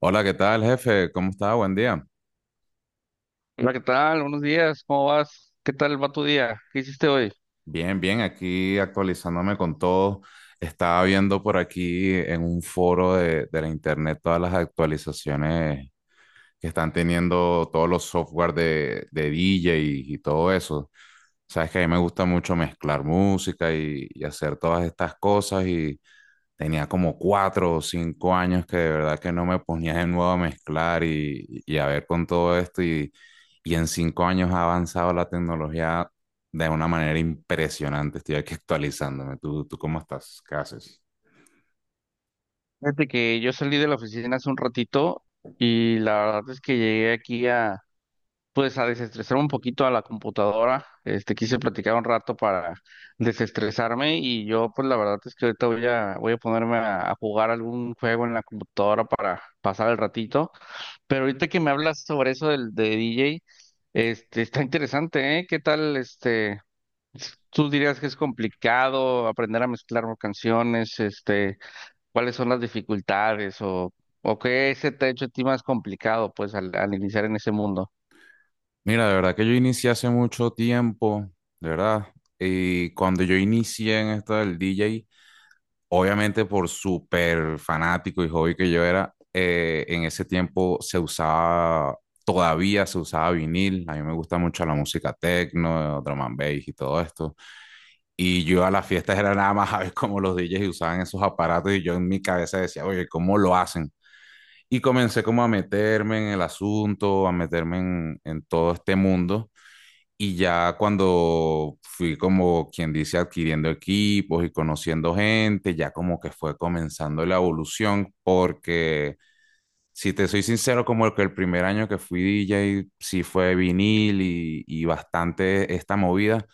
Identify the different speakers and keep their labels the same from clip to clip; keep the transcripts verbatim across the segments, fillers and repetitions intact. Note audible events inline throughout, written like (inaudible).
Speaker 1: Hola, ¿qué tal, jefe? ¿Cómo está? Buen día.
Speaker 2: Hola, ¿qué tal? Buenos días, ¿cómo vas? ¿Qué tal va tu día? ¿Qué hiciste hoy?
Speaker 1: Bien, bien, aquí actualizándome con todo. Estaba viendo por aquí en un foro de, de la internet todas las actualizaciones que están teniendo todos los software de, de D J y, y todo eso. Sabes que a mí me gusta mucho mezclar música y, y hacer todas estas cosas y tenía como cuatro o cinco años que de verdad que no me ponía de nuevo a mezclar y, y a ver con todo esto y, y en cinco años ha avanzado la tecnología de una manera impresionante. Estoy aquí actualizándome. ¿Tú, tú cómo estás? ¿Qué haces?
Speaker 2: Fíjate que yo salí de la oficina hace un ratito y la verdad es que llegué aquí a, pues, a desestresar un poquito a la computadora. Este, quise platicar un rato para desestresarme y yo, pues, la verdad es que ahorita voy a, voy a ponerme a, a jugar algún juego en la computadora para pasar el ratito. Pero ahorita que me hablas sobre eso del de D J, este, está interesante, ¿eh? ¿Qué tal, este? ¿Tú dirías que es complicado aprender a mezclar canciones? Este, ¿cuáles son las dificultades o, o qué se te ha hecho a ti más complicado, pues, al, al iniciar en ese mundo?
Speaker 1: Mira, de verdad que yo inicié hace mucho tiempo, de verdad. Y cuando yo inicié en esto del D J, obviamente por súper fanático y hobby que yo era, eh, en ese tiempo se usaba, todavía se usaba vinil. A mí me gusta mucho la música techno, drum and bass y todo esto. Y yo a las fiestas era nada más a ver cómo los D Js usaban esos aparatos, y yo en mi cabeza decía, oye, ¿cómo lo hacen? Y comencé como a meterme en el asunto, a meterme en, en todo este mundo. Y ya cuando fui, como quien dice, adquiriendo equipos y conociendo gente, ya como que fue comenzando la evolución, porque si te soy sincero, como que el primer año que fui D J sí fue vinil y, y bastante esta movida,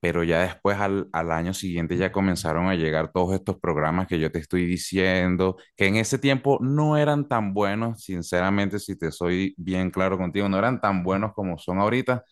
Speaker 1: pero ya después al, al año siguiente ya comenzaron a llegar todos estos programas que yo te estoy diciendo, que en ese tiempo no eran tan buenos, sinceramente, si te soy bien claro contigo, no eran tan buenos como son ahorita,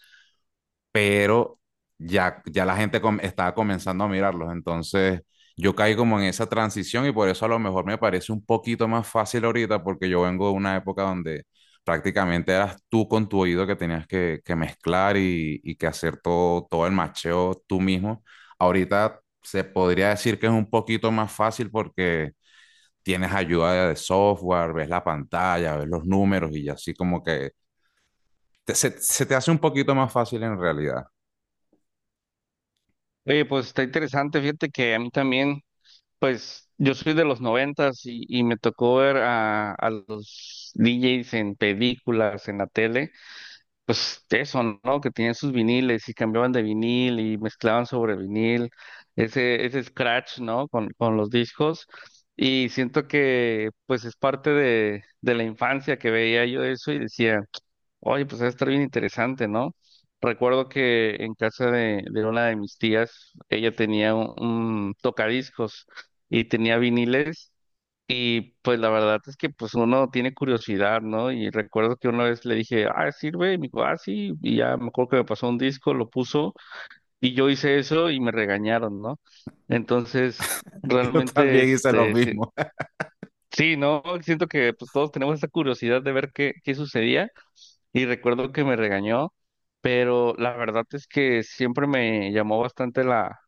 Speaker 1: pero ya, ya la gente com- estaba comenzando a mirarlos. Entonces, yo caí como en esa transición y por eso a lo mejor me parece un poquito más fácil ahorita, porque yo vengo de una época donde prácticamente eras tú con tu oído, que tenías que, que mezclar y, y que hacer todo, todo el macheo tú mismo. Ahorita se podría decir que es un poquito más fácil porque tienes ayuda de software, ves la pantalla, ves los números y así como que te- se, se te hace un poquito más fácil en realidad.
Speaker 2: Oye, pues está interesante, fíjate que a mí también, pues, yo soy de los noventas y, y me tocó ver a, a los D Js en películas, en la tele. Pues eso, ¿no? Que tenían sus viniles y cambiaban de vinil y mezclaban sobre vinil, ese, ese scratch, ¿no? Con, con los discos. Y siento que pues es parte de, de la infancia que veía yo eso y decía, oye, pues va a estar bien interesante, ¿no? Recuerdo que en casa de, de una de mis tías, ella tenía un, un tocadiscos y tenía viniles. Y pues la verdad es que pues uno tiene curiosidad, ¿no? Y recuerdo que una vez le dije, ah, sirve, y me dijo, ah, sí, y ya me acuerdo que me pasó un disco, lo puso, y yo hice eso y me regañaron, ¿no? Entonces,
Speaker 1: (laughs) Yo
Speaker 2: realmente,
Speaker 1: también hice lo
Speaker 2: este, sí,
Speaker 1: mismo. (laughs)
Speaker 2: sí, ¿no? Siento que pues todos tenemos esa curiosidad de ver qué, qué sucedía, y recuerdo que me regañó, pero la verdad es que siempre me llamó bastante la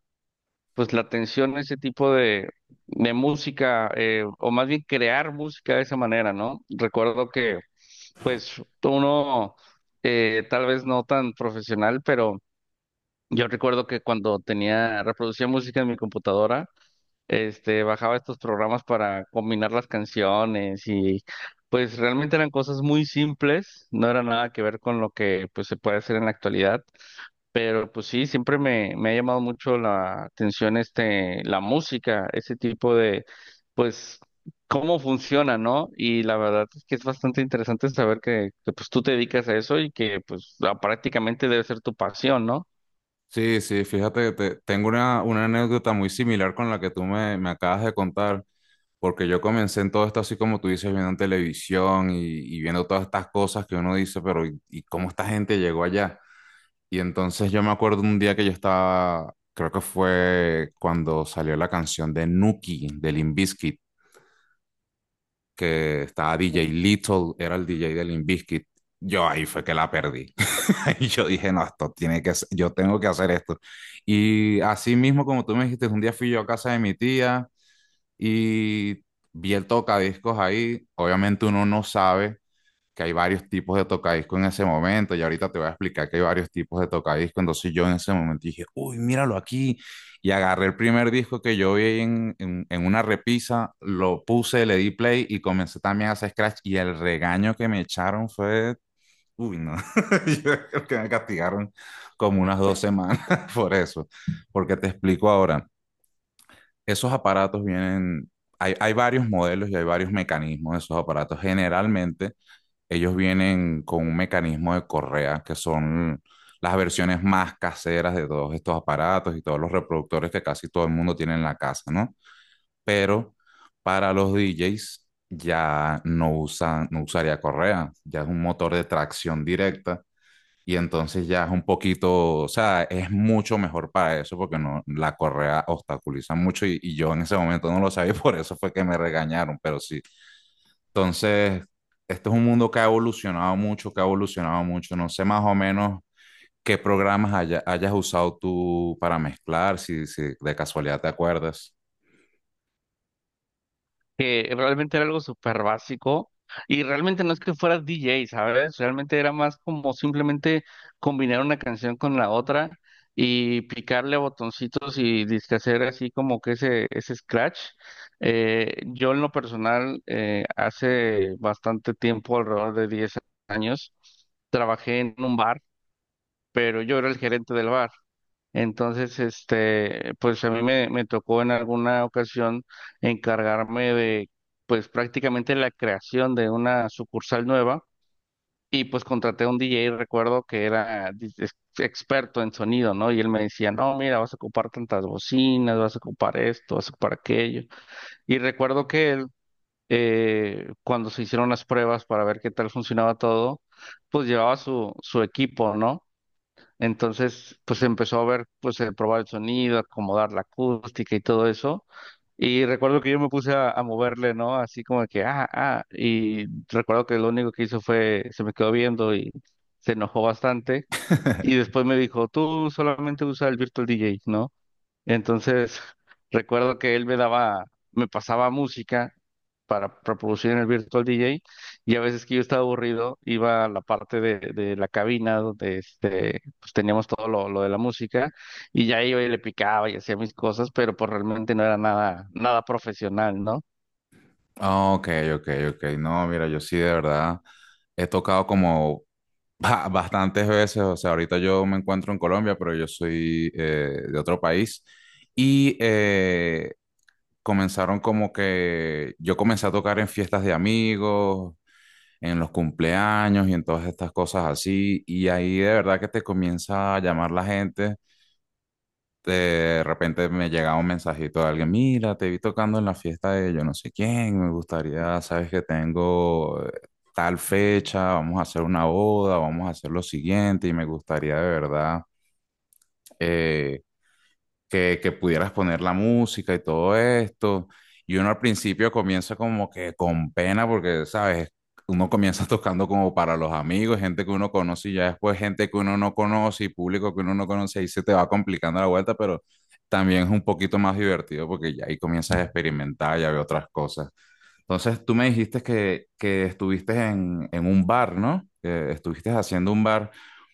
Speaker 2: pues la atención a ese tipo de, de música, eh, o más bien crear música de esa manera, ¿no? Recuerdo que, pues, uno eh, tal vez no tan profesional, pero yo recuerdo que cuando tenía, reproducía música en mi computadora, este, bajaba estos programas para combinar las canciones y pues realmente eran cosas muy simples, no era nada que ver con lo que pues se puede hacer en la actualidad, pero pues sí, siempre me, me ha llamado mucho la atención este, la música, ese tipo de, pues, cómo funciona, ¿no? Y la verdad es que es bastante interesante saber que, que, pues tú te dedicas a eso y que pues la- prácticamente debe ser tu pasión, ¿no?
Speaker 1: Sí, sí, fíjate que te- tengo una, una anécdota muy similar con la que tú me, me acabas de contar, porque yo comencé en todo esto así como tú dices, viendo televisión y, y viendo todas estas cosas que uno dice, pero ¿y, y cómo esta gente llegó allá? Y entonces yo me acuerdo un día que yo estaba, creo que fue cuando salió la canción de Nuki, de Limp Bizkit, que estaba D J Little, era el D J de Limp Bizkit. Yo ahí fue que la perdí. (laughs) Y yo dije, no, esto tiene que ser, yo tengo que hacer esto. Y así mismo, como tú me dijiste, un día fui yo a casa de mi tía y vi el tocadiscos ahí. Obviamente uno no sabe que hay varios tipos de tocadiscos en ese momento, y ahorita te voy a explicar que hay varios tipos de tocadiscos. Entonces yo en ese momento dije, uy, míralo aquí. Y agarré el primer disco que yo vi en, en, en una repisa, lo puse, le di play y comencé también a hacer scratch. Y el regaño que me echaron fue... Uy, no, (laughs) yo creo que me castigaron como unas dos semanas (laughs) por eso, porque te explico ahora, esos aparatos vienen, hay, hay varios modelos y hay varios mecanismos de esos aparatos. Generalmente ellos vienen con un mecanismo de correa, que son las versiones más caseras de todos estos aparatos y todos los reproductores que casi todo el mundo tiene en la casa, ¿no? Pero para los D Js ya no usan, no usaría correa, ya es un motor de tracción directa, y entonces ya es un poquito, o sea, es mucho mejor para eso porque no, la correa obstaculiza mucho, y, y yo en ese momento no lo sabía, y por eso fue que me regañaron, pero sí. Entonces, este es un mundo que ha evolucionado mucho, que ha evolucionado mucho. No sé más o menos qué programas haya- hayas usado tú para mezclar, si, si de casualidad te acuerdas.
Speaker 2: Que realmente era algo súper básico y realmente no es que fuera D J, ¿sabes? Realmente era más como simplemente combinar una canción con la otra y picarle a botoncitos y disque hacer así como que ese, ese scratch. Eh, yo en lo personal, eh, hace bastante tiempo, alrededor de diez años, trabajé en un bar, pero yo era el gerente del bar. Entonces, este, pues a mí me, me tocó en alguna ocasión encargarme de, pues prácticamente la creación de una sucursal nueva y pues contraté a un D J, recuerdo que era dis- ex- experto en sonido, ¿no? Y él me decía, no, mira, vas a ocupar tantas bocinas, vas a ocupar esto, vas a ocupar aquello. Y recuerdo que él, eh, cuando se hicieron las pruebas para ver qué tal funcionaba todo, pues llevaba su, su equipo, ¿no? Entonces, pues empezó a ver, pues eh, probar el sonido, acomodar la acústica y todo eso. Y recuerdo que yo me puse a, a moverle, ¿no? Así como que, ah, ah. Y recuerdo que lo único que hizo fue, se me quedó viendo y se enojó bastante. Y
Speaker 1: (laughs)
Speaker 2: después me dijo, tú solamente usa el Virtual D J, ¿no? Entonces, recuerdo que él me daba, me pasaba música para reproducir en el Virtual D J, y a veces que yo estaba aburrido iba a la parte de, de la cabina donde este, pues teníamos todo lo, lo de la música y ya iba y le picaba y hacía mis cosas, pero pues realmente no era nada, nada profesional, ¿no?
Speaker 1: Ah, ok, ok, ok. No, mira, yo sí de verdad he tocado como... Ba- Bastantes veces. O sea, ahorita yo me encuentro en Colombia, pero yo soy eh, de otro país, y eh, comenzaron, como que yo comencé a tocar en fiestas de amigos, en los cumpleaños y en todas estas cosas así, y ahí de verdad que te comienza a llamar la gente. De repente me llegaba un mensajito de alguien, mira, te vi tocando en la fiesta de yo no sé quién, me gustaría, sabes que tengo eh, tal fecha, vamos a hacer una boda, vamos a hacer lo siguiente y me gustaría de verdad eh, que, que pudieras poner la música y todo esto. Y uno al principio comienza como que con pena porque, ¿sabes? Uno comienza (laughs) tocando como para los amigos, gente que uno conoce, y ya después gente que uno no conoce y público que uno no conoce, ahí se te va complicando la vuelta, pero también es un poquito más divertido porque ya ahí comienzas a experimentar, ya ve otras cosas. Entonces tú me dijiste que, que estuviste en, en un bar, ¿no? Que estuviste haciendo un bar,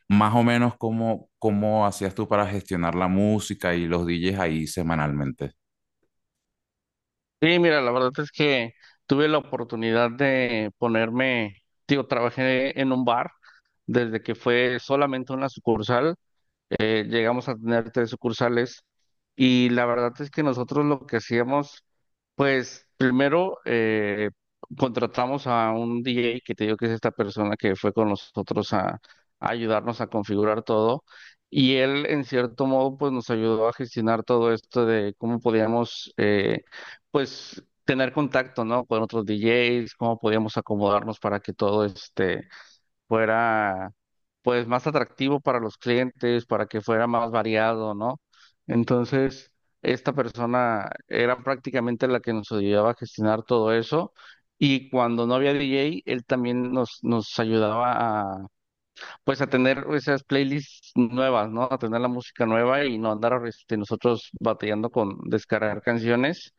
Speaker 1: más o menos cómo, cómo, hacías tú para gestionar la música y los D Js ahí semanalmente.
Speaker 2: Sí, mira, la verdad es que tuve la oportunidad de ponerme, digo, trabajé en un bar desde que fue solamente una sucursal, eh, llegamos a tener tres sucursales y la verdad es que nosotros lo que hacíamos, pues primero eh, contratamos a un D J que te digo que es esta persona que fue con nosotros a, a ayudarnos a configurar todo, y él en cierto modo pues nos ayudó a gestionar todo esto de cómo podíamos eh, pues tener contacto, ¿no? Con otros D Js, cómo podíamos acomodarnos para que todo este fuera pues más atractivo para los clientes, para que fuera más variado, ¿no? Entonces, esta persona era prácticamente la que nos ayudaba a gestionar todo eso, y cuando no había D J, él también nos, nos ayudaba a pues a tener esas playlists nuevas, ¿no? A tener la música nueva y no andar este, nosotros batallando con descargar canciones,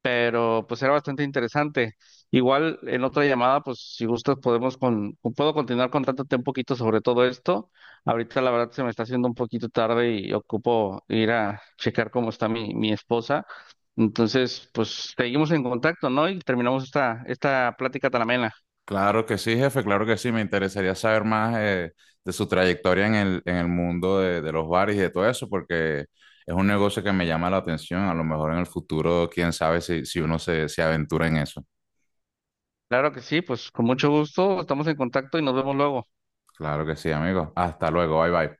Speaker 2: pero pues era bastante interesante. Igual en otra llamada, pues si gustas podemos con, puedo continuar contándote un poquito sobre todo esto. Ahorita la verdad se me está haciendo un poquito tarde y ocupo ir a checar cómo está mi, mi esposa. Entonces, pues seguimos en contacto, ¿no? Y terminamos esta, esta plática tan amena.
Speaker 1: Claro que sí, jefe, claro que sí. Me interesaría saber más eh, de su trayectoria en el, en el mundo de, de los bares y de todo eso, porque es un negocio que me llama la atención. A lo mejor en el futuro, quién sabe si, si uno se, se aventura en eso.
Speaker 2: Claro que sí, pues con mucho gusto, estamos en contacto y nos vemos luego.
Speaker 1: Claro que sí, amigo. Hasta luego, bye bye.